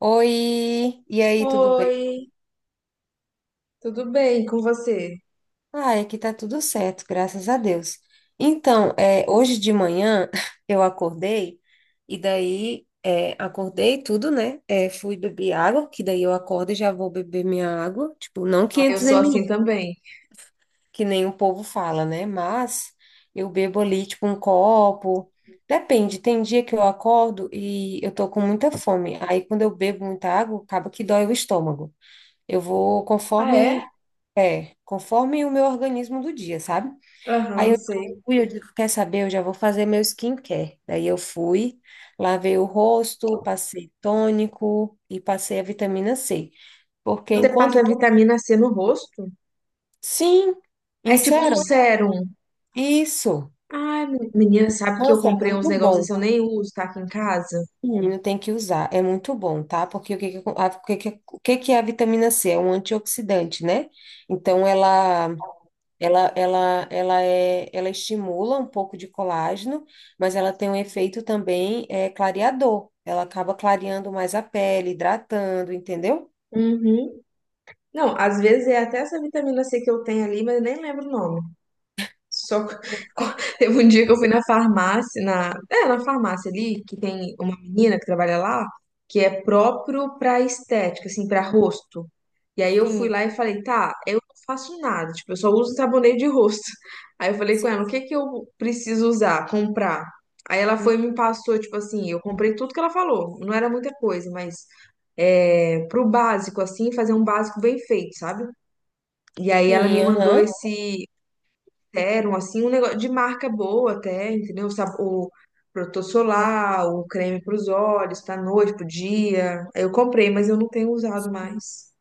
Oi, e aí, tudo bem? Oi, tudo bem com você? Ah, aqui tá tudo certo, graças a Deus. Então, hoje de manhã eu acordei e daí acordei tudo, né? Fui beber água, que daí eu acordo e já vou beber minha água, tipo, não Ah, eu 500 sou assim ml, também. que nem o povo fala, né? Mas eu bebo ali, tipo, um copo. Depende, tem dia que eu acordo e eu tô com muita fome. Aí quando eu bebo muita água, acaba que dói o estômago. Eu vou Ah, é? conforme o meu organismo do dia, sabe? Aí Aham, eu sei. fui, eu digo, quer saber? Eu já vou fazer meu skincare. Daí eu fui, lavei o rosto, passei tônico e passei a vitamina C. Porque Você enquanto passa vitamina C no rosto? Sim, É tipo um insero, sérum. isso. Ai, menina, sabe que eu Nossa, é comprei uns muito negócios bom. que eu nem uso, tá aqui em casa? Menino tem que usar, é muito bom, tá? Porque o que que é a vitamina C? É um antioxidante, né? Então, ela estimula um pouco de colágeno, mas ela tem um efeito também clareador. Ela acaba clareando mais a pele, hidratando, entendeu? Uhum. Não, às vezes é até essa vitamina C que eu tenho ali, mas eu nem lembro o nome. Só Pois é. teve um dia que eu fui na farmácia, na farmácia ali, que tem uma menina que trabalha lá, que é próprio pra estética, assim, pra rosto. E aí eu fui Sim. lá e falei, tá, eu não faço nada, tipo, eu só uso sabonete de rosto. Aí eu falei com Sim. ela, o que que eu preciso usar, comprar? Aí ela Hum, foi e me passou, tipo assim, eu comprei tudo que ela falou, não era muita coisa, mas é, pro básico, assim, fazer um básico bem feito, sabe? E aí ela me sim, mandou aham. esse serum, assim, um negócio de marca boa até, entendeu? O, o protetor solar, o creme para os olhos, pra noite, pro dia. Eu comprei, mas eu não tenho usado mais.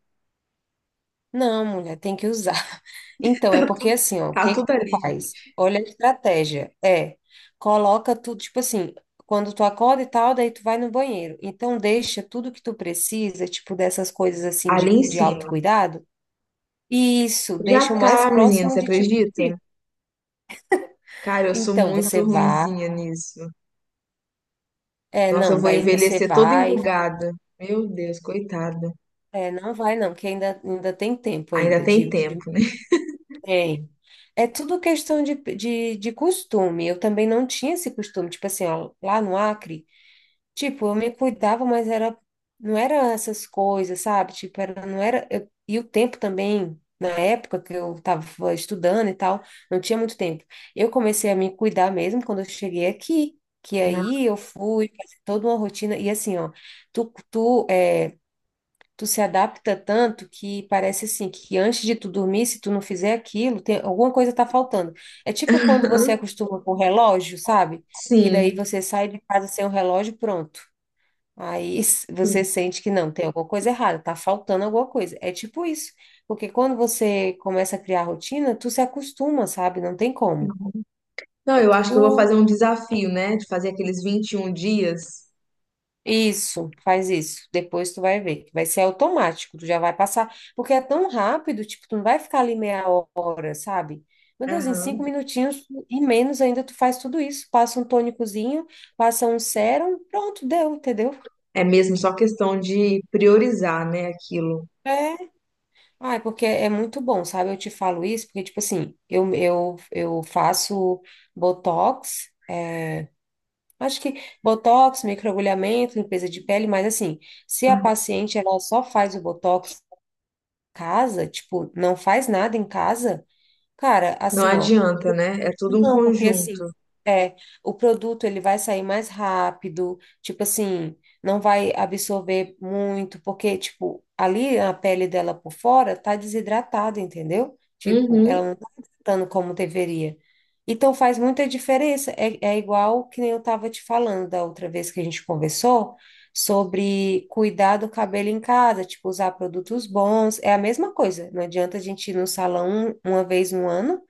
Não, mulher, tem que usar. Então, é porque assim, ó, o Tá que que tudo tu ali, faz? gente. Olha a estratégia. Coloca tudo, tipo assim, quando tu acorda e tal, daí tu vai no banheiro. Então, deixa tudo que tu precisa, tipo, dessas coisas assim Ali de, em de cima. autocuidado. Isso, deixa Já o mais tá, menina, próximo você de ti acredita? possível. Cara, eu sou Então, você muito vai, ruinzinha nisso. Nossa, eu não, vou daí você envelhecer toda vai, enrugada. Meu Deus, coitada. Não vai não, que ainda tem tempo Ainda ainda tem de- tempo, né? tem. É tudo questão de costume. Eu também não tinha esse costume, tipo assim, ó, lá no Acre, tipo, eu me cuidava, mas era, não era essas coisas, sabe? Tipo, era, não era, e o tempo também, na época que eu estava estudando e tal, não tinha muito tempo. Eu comecei a me cuidar mesmo quando eu cheguei aqui, que aí eu fui fazer toda uma rotina, e assim, ó, tu, tu, é, tu se adapta tanto que parece assim, que antes de tu dormir, se tu não fizer aquilo, tem, alguma coisa tá faltando. É tipo quando você acostuma com o relógio, sabe? Que Sim. daí você sai de casa sem o relógio, pronto. Aí você sente que não, tem alguma coisa errada, tá faltando alguma coisa. É tipo isso. Porque quando você começa a criar rotina, tu se acostuma, sabe? Não tem como. Não, É eu acho que eu vou fazer tudo um desafio, né? De fazer aqueles 21 dias. isso, faz isso. Depois tu vai ver. Vai ser automático, tu já vai passar. Porque é tão rápido, tipo, tu não vai ficar ali meia hora, sabe? Meu Deus, em cinco Aham. minutinhos e menos ainda tu faz tudo isso. Passa um tônicozinho, passa um sérum, pronto, deu, entendeu? É mesmo só questão de priorizar, né, aquilo. É, ai, porque é muito bom, sabe? Eu te falo isso porque, tipo assim, eu faço botox, é, acho que botox, microagulhamento, limpeza de pele, mas assim, se a paciente ela só faz o botox em casa, tipo, não faz nada em casa, cara, Não assim, ó. adianta, né? É tudo um Não, porque conjunto. assim, é, o produto ele vai sair mais rápido, tipo assim, não vai absorver muito, porque tipo, ali a pele dela por fora tá desidratada, entendeu? Tipo, ela Uhum. não tá hidratando como deveria. Então faz muita diferença. É, é igual que nem eu tava te falando da outra vez que a gente conversou sobre cuidar do cabelo em casa, tipo, usar produtos bons. É a mesma coisa. Não adianta a gente ir no salão uma vez no ano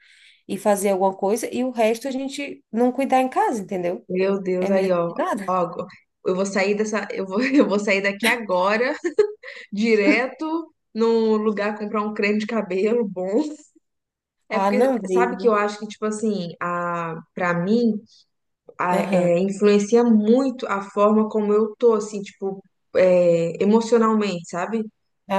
e fazer alguma coisa, e o resto a gente não cuidar em casa, entendeu? Meu É Deus, mesmo aí, ó. que nada. Ó, eu vou sair dessa, eu vou, eu vou sair daqui agora, direto num lugar comprar um creme de cabelo bom. É Ah, porque não, sabe que daí. eu acho que tipo assim, a para mim Aham. é, influencia muito a forma como eu tô, assim, tipo, é, emocionalmente, sabe?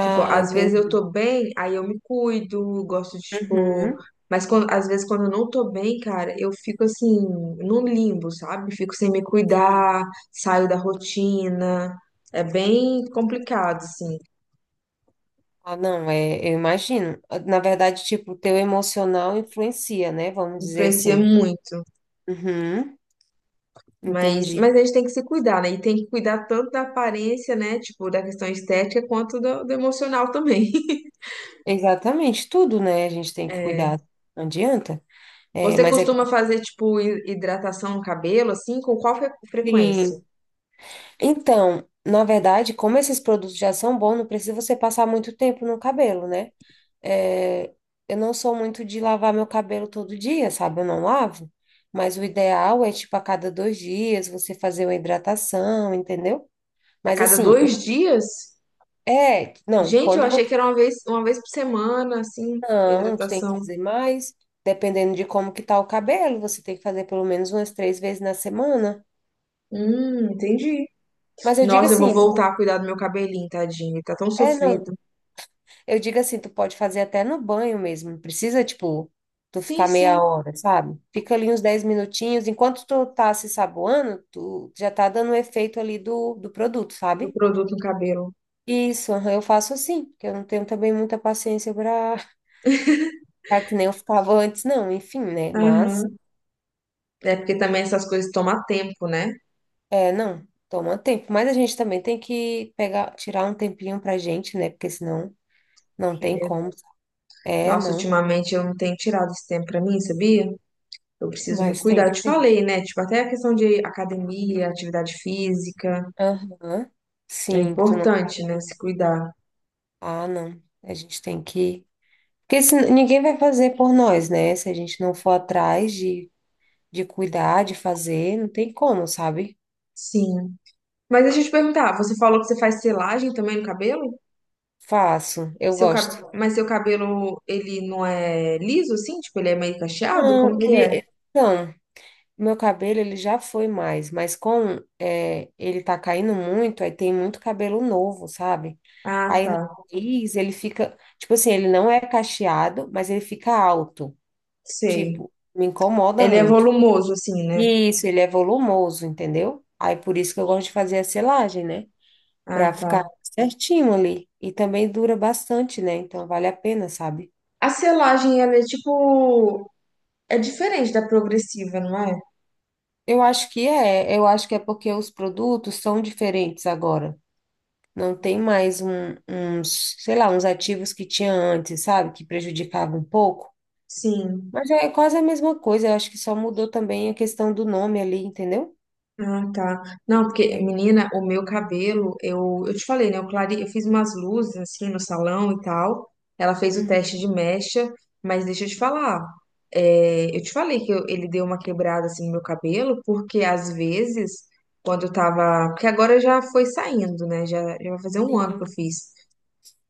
Tipo, às vezes eu entendi. tô bem, aí eu me cuido, gosto de, tipo. Uhum. Mas às vezes quando eu não tô bem, cara, eu fico assim, num limbo, sabe? Fico sem me cuidar, saio da rotina. É bem complicado, assim. Ah, não, é, eu imagino. Na verdade, tipo, o teu emocional influencia, né? Vamos dizer Influencia assim. muito. Uhum, Mas, entendi. mas a gente tem que se cuidar, né? E tem que cuidar tanto da aparência, né? Tipo, da questão estética, quanto do, do emocional também. Exatamente, tudo, né? A gente tem que É. cuidar. Não adianta. É, Você mas é que. costuma fazer, tipo, hidratação no cabelo, assim, com qual frequência? Sim. Então, na verdade, como esses produtos já são bons, não precisa você passar muito tempo no cabelo, né? É, eu não sou muito de lavar meu cabelo todo dia, sabe? Eu não lavo, mas o ideal é, tipo, a cada 2 dias você fazer uma hidratação, entendeu? A Mas cada assim, dois dias? Gente, eu quando achei que você era uma vez por semana, assim, não, tu tem que hidratação. fazer mais, dependendo de como que tá o cabelo, você tem que fazer pelo menos umas 3 vezes na semana. Entendi. Mas eu digo Nossa, eu vou assim, voltar a cuidar do meu cabelinho, tadinho. Ele tá tão é, não. sofrido. Eu digo assim, tu pode fazer até no banho mesmo, não precisa, tipo, tu Sim, ficar sim, meia hora, sabe? Fica ali uns 10 minutinhos, enquanto tu tá se saboando, tu já tá dando o efeito ali do produto, do sabe? produto no cabelo. Isso, aham, eu faço assim, porque eu não tenho também muita paciência para que nem eu ficava antes, não, enfim, né? Mas, Aham. É porque também essas coisas tomam tempo, né? é, não, toma tempo. Mas a gente também tem que pegar, tirar um tempinho pra gente, né? Porque senão não É tem verdade. como. É, Nossa, não, ultimamente eu não tenho tirado esse tempo pra mim, sabia? Eu preciso me mas tem cuidar. Eu que te ter. falei, né? Tipo, até a questão de academia, atividade física, Aham, é sim, que tu não tá. importante, né? Se cuidar. Ah, não. A gente tem que. Porque se, ninguém vai fazer por nós, né? Se a gente não for atrás de cuidar, de fazer, não tem como, sabe? Sim. Mas deixa eu te perguntar, você falou que você faz selagem também no cabelo? Faço, eu Seu gosto. cab... Mas seu cabelo, ele não é liso, assim? Tipo, ele é meio cacheado? Não, Como que é? ele. Então, meu cabelo ele já foi mais, mas com é, ele tá caindo muito, aí tem muito cabelo novo, sabe? Ah, Aí no tá. nariz ele fica, tipo assim, ele não é cacheado, mas ele fica alto. Sei. Tipo, me incomoda Ele é muito. volumoso, assim, né? Isso, ele é volumoso, entendeu? Aí por isso que eu gosto de fazer a selagem, né? Pra Ah, tá. ficar certinho ali. E também dura bastante, né? Então vale a pena, sabe? A selagem, ela é tipo. É diferente da progressiva, não é? Eu acho que é porque os produtos são diferentes agora. Não tem mais um, uns, sei lá, uns ativos que tinha antes, sabe? Que prejudicava um pouco. Sim. Mas é quase a mesma coisa, eu acho que só mudou também a questão do nome ali, entendeu? Ah, tá. Não, porque, É. menina, o meu cabelo, eu te falei, né? Eu, clare... eu fiz umas luzes assim no salão e tal. Ela fez o teste Uhum. de mecha, mas deixa eu te falar. É, eu te falei que ele deu uma quebrada assim no meu cabelo, porque às vezes, quando eu tava. Porque agora já foi saindo, né? Já vai fazer um ano que eu Sim, fiz.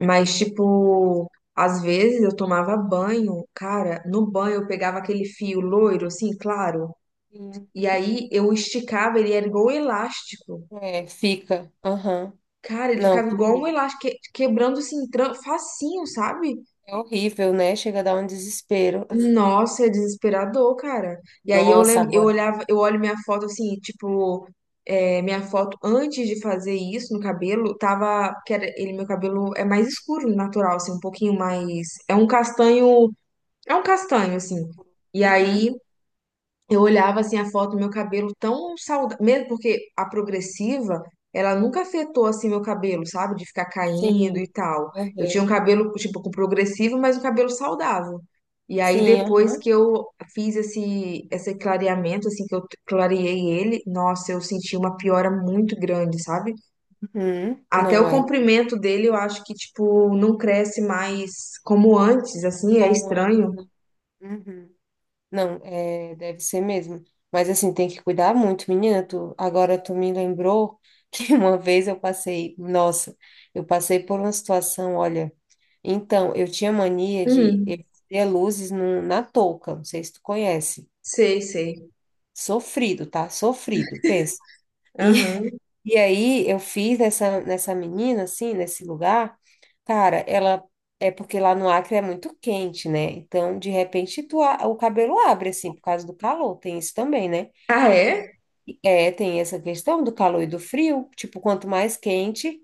Mas, tipo, às vezes eu tomava banho, cara, no banho eu pegava aquele fio loiro, assim, claro. sim. E aí eu esticava, ele era igual um elástico. É, fica. Aham. Cara, ele Não, ficava igual um fica. elástico, quebrando assim, facinho, sabe? É horrível, né? Chega a dar um desespero. Nossa, é desesperador, cara. E aí eu Nossa, lembro, eu agora. olhava, eu olho minha foto assim, tipo, é, minha foto antes de fazer isso no cabelo, tava, que era, ele, meu cabelo é mais escuro, natural, assim, um pouquinho mais, é um castanho, assim. E aí Uhum. eu olhava assim a foto do meu cabelo tão saudável, mesmo porque a progressiva, ela nunca afetou assim meu cabelo, sabe? De ficar caindo e Sim. tal. Eu tinha um Uhum. cabelo tipo com progressivo, mas um cabelo saudável. E aí Sim, depois que aham. eu fiz esse clareamento assim que eu clareei ele, nossa, eu senti uma piora muito grande, sabe? Uhum. Até o Não é. comprimento dele, eu acho que tipo não cresce mais como antes, assim, é Como é? estranho. Uhum. Não, é, deve ser mesmo. Mas assim, tem que cuidar muito, menina. Tu, agora tu me lembrou que uma vez eu passei, nossa, eu passei por uma situação, olha. Então, eu tinha mania de eu Hum, ter luzes na touca, não sei se tu conhece. sei, sei. Sofrido, tá? Sofrido, pensa. E Aham. E aí eu fiz nessa menina, assim, nesse lugar, cara, ela é porque lá no Acre é muito quente, né? Então, de repente, tu, o cabelo abre, assim, por causa do calor, tem isso também, né? Ah, é? É, tem essa questão do calor e do frio, tipo, quanto mais quente,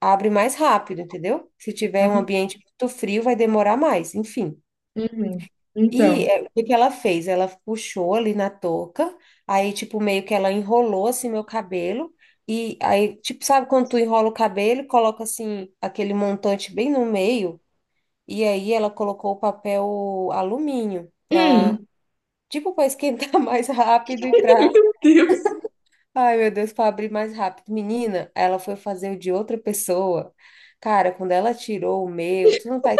abre mais rápido, entendeu? Se tiver um ambiente muito frio, vai demorar mais, enfim. Uhum. Então. E é, o que que ela fez? Ela puxou ali na touca, aí, tipo, meio que ela enrolou, assim, meu cabelo, e aí, tipo, sabe quando tu enrola o cabelo, e coloca, assim, aquele montante bem no meio, e aí ela colocou o papel alumínio pra, Hum, tipo, pra esquentar mais rápido e pra, meu Deus, ai, meu Deus, pra abrir mais rápido. Menina, ela foi fazer o de outra pessoa. Cara, quando ela tirou o meu, tu não tá.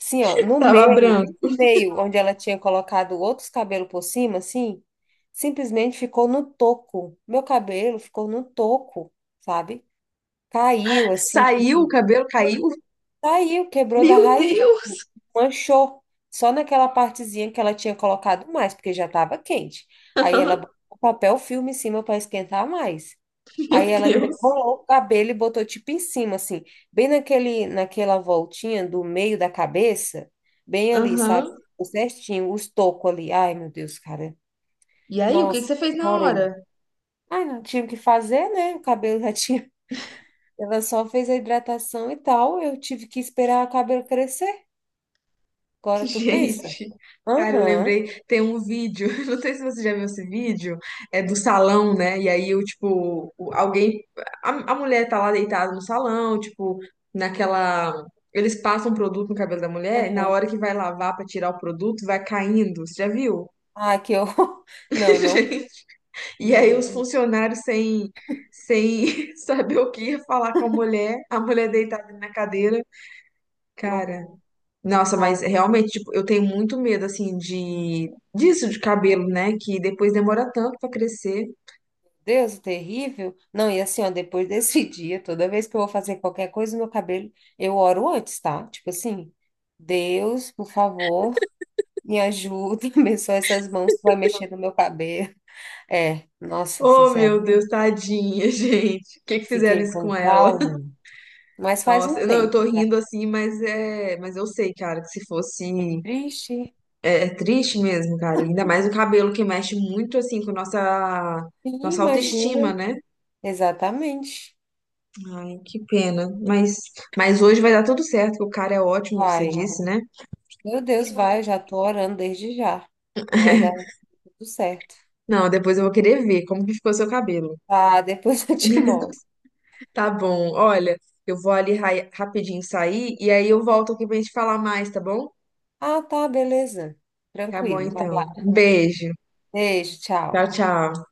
Assim, ó, no tava meio, branco. bem no meio, onde ela tinha colocado outros cabelos por cima, assim, simplesmente ficou no toco. Meu cabelo ficou no toco, sabe? Caiu, assim, tipo Saiu, o assim, cabelo caiu. caiu, quebrou da Meu raiz, Deus! manchou. Só naquela partezinha que ela tinha colocado mais, porque já estava quente. Aí ela botou papel filme em cima para esquentar mais. Aí Meu ela ainda Deus! enrolou o cabelo e botou tipo em cima, assim, bem naquela voltinha do meio da cabeça, bem ali, sabe? Aham. Ficou certinho, os tocos ali. Ai, meu Deus, cara. E aí, o que que Nossa, você fez na chorei. hora? Ai, não tinha o que fazer, né? O cabelo já tinha. Ela só fez a hidratação e tal. Eu tive que esperar o cabelo crescer. Agora tu pensa. Gente, cara, eu Aham, lembrei, tem um vídeo, não sei se você já viu esse vídeo, é do salão, né? E aí, eu, tipo, alguém, a mulher tá lá deitada no salão, tipo, naquela. Eles passam produto no cabelo da mulher, e na aham. hora que vai lavar pra tirar o produto, vai caindo. Você já viu? Ah, que horror. Não, não, E aí não. os funcionários sem, sem saber o que ia falar com a mulher deitada na cadeira. Que Cara, horror. nossa, mas Nossa. realmente, tipo, eu tenho muito medo, assim, de disso de cabelo, né? Que depois demora tanto pra crescer. Deus, terrível. Não, e assim, ó, depois desse dia, toda vez que eu vou fazer qualquer coisa no meu cabelo, eu oro antes, tá? Tipo assim, Deus, por favor, me ajuda, abençoa essas mãos que vai mexer no meu cabelo. É, nossa, Oh, sincero. meu Deus, tadinha, gente. O que que fizeram Fiquei isso com com ela? trauma, mas faz um Nossa, não, eu tô tempo, já. rindo assim, mas é, mas eu sei, cara, que se fosse Triste. é, é triste mesmo, cara. Ainda mais o cabelo que mexe muito assim com E nossa imagina, autoestima, né? exatamente. Ai, que pena. Mas hoje vai dar tudo certo, que o cara é ótimo, você Vai. disse, né? Meu Deus, vai, eu já tô orando desde já. Vai dar tudo certo. Não, depois eu vou querer ver como que ficou seu cabelo. Tá, depois eu te mostro. Tá bom, olha, eu vou ali rapidinho sair e aí eu volto aqui pra gente falar mais, tá bom? Ah, tá, beleza. Tá bom, Tranquilo. Valeu. então. Um beijo. Beijo, tchau. Tchau, tchau.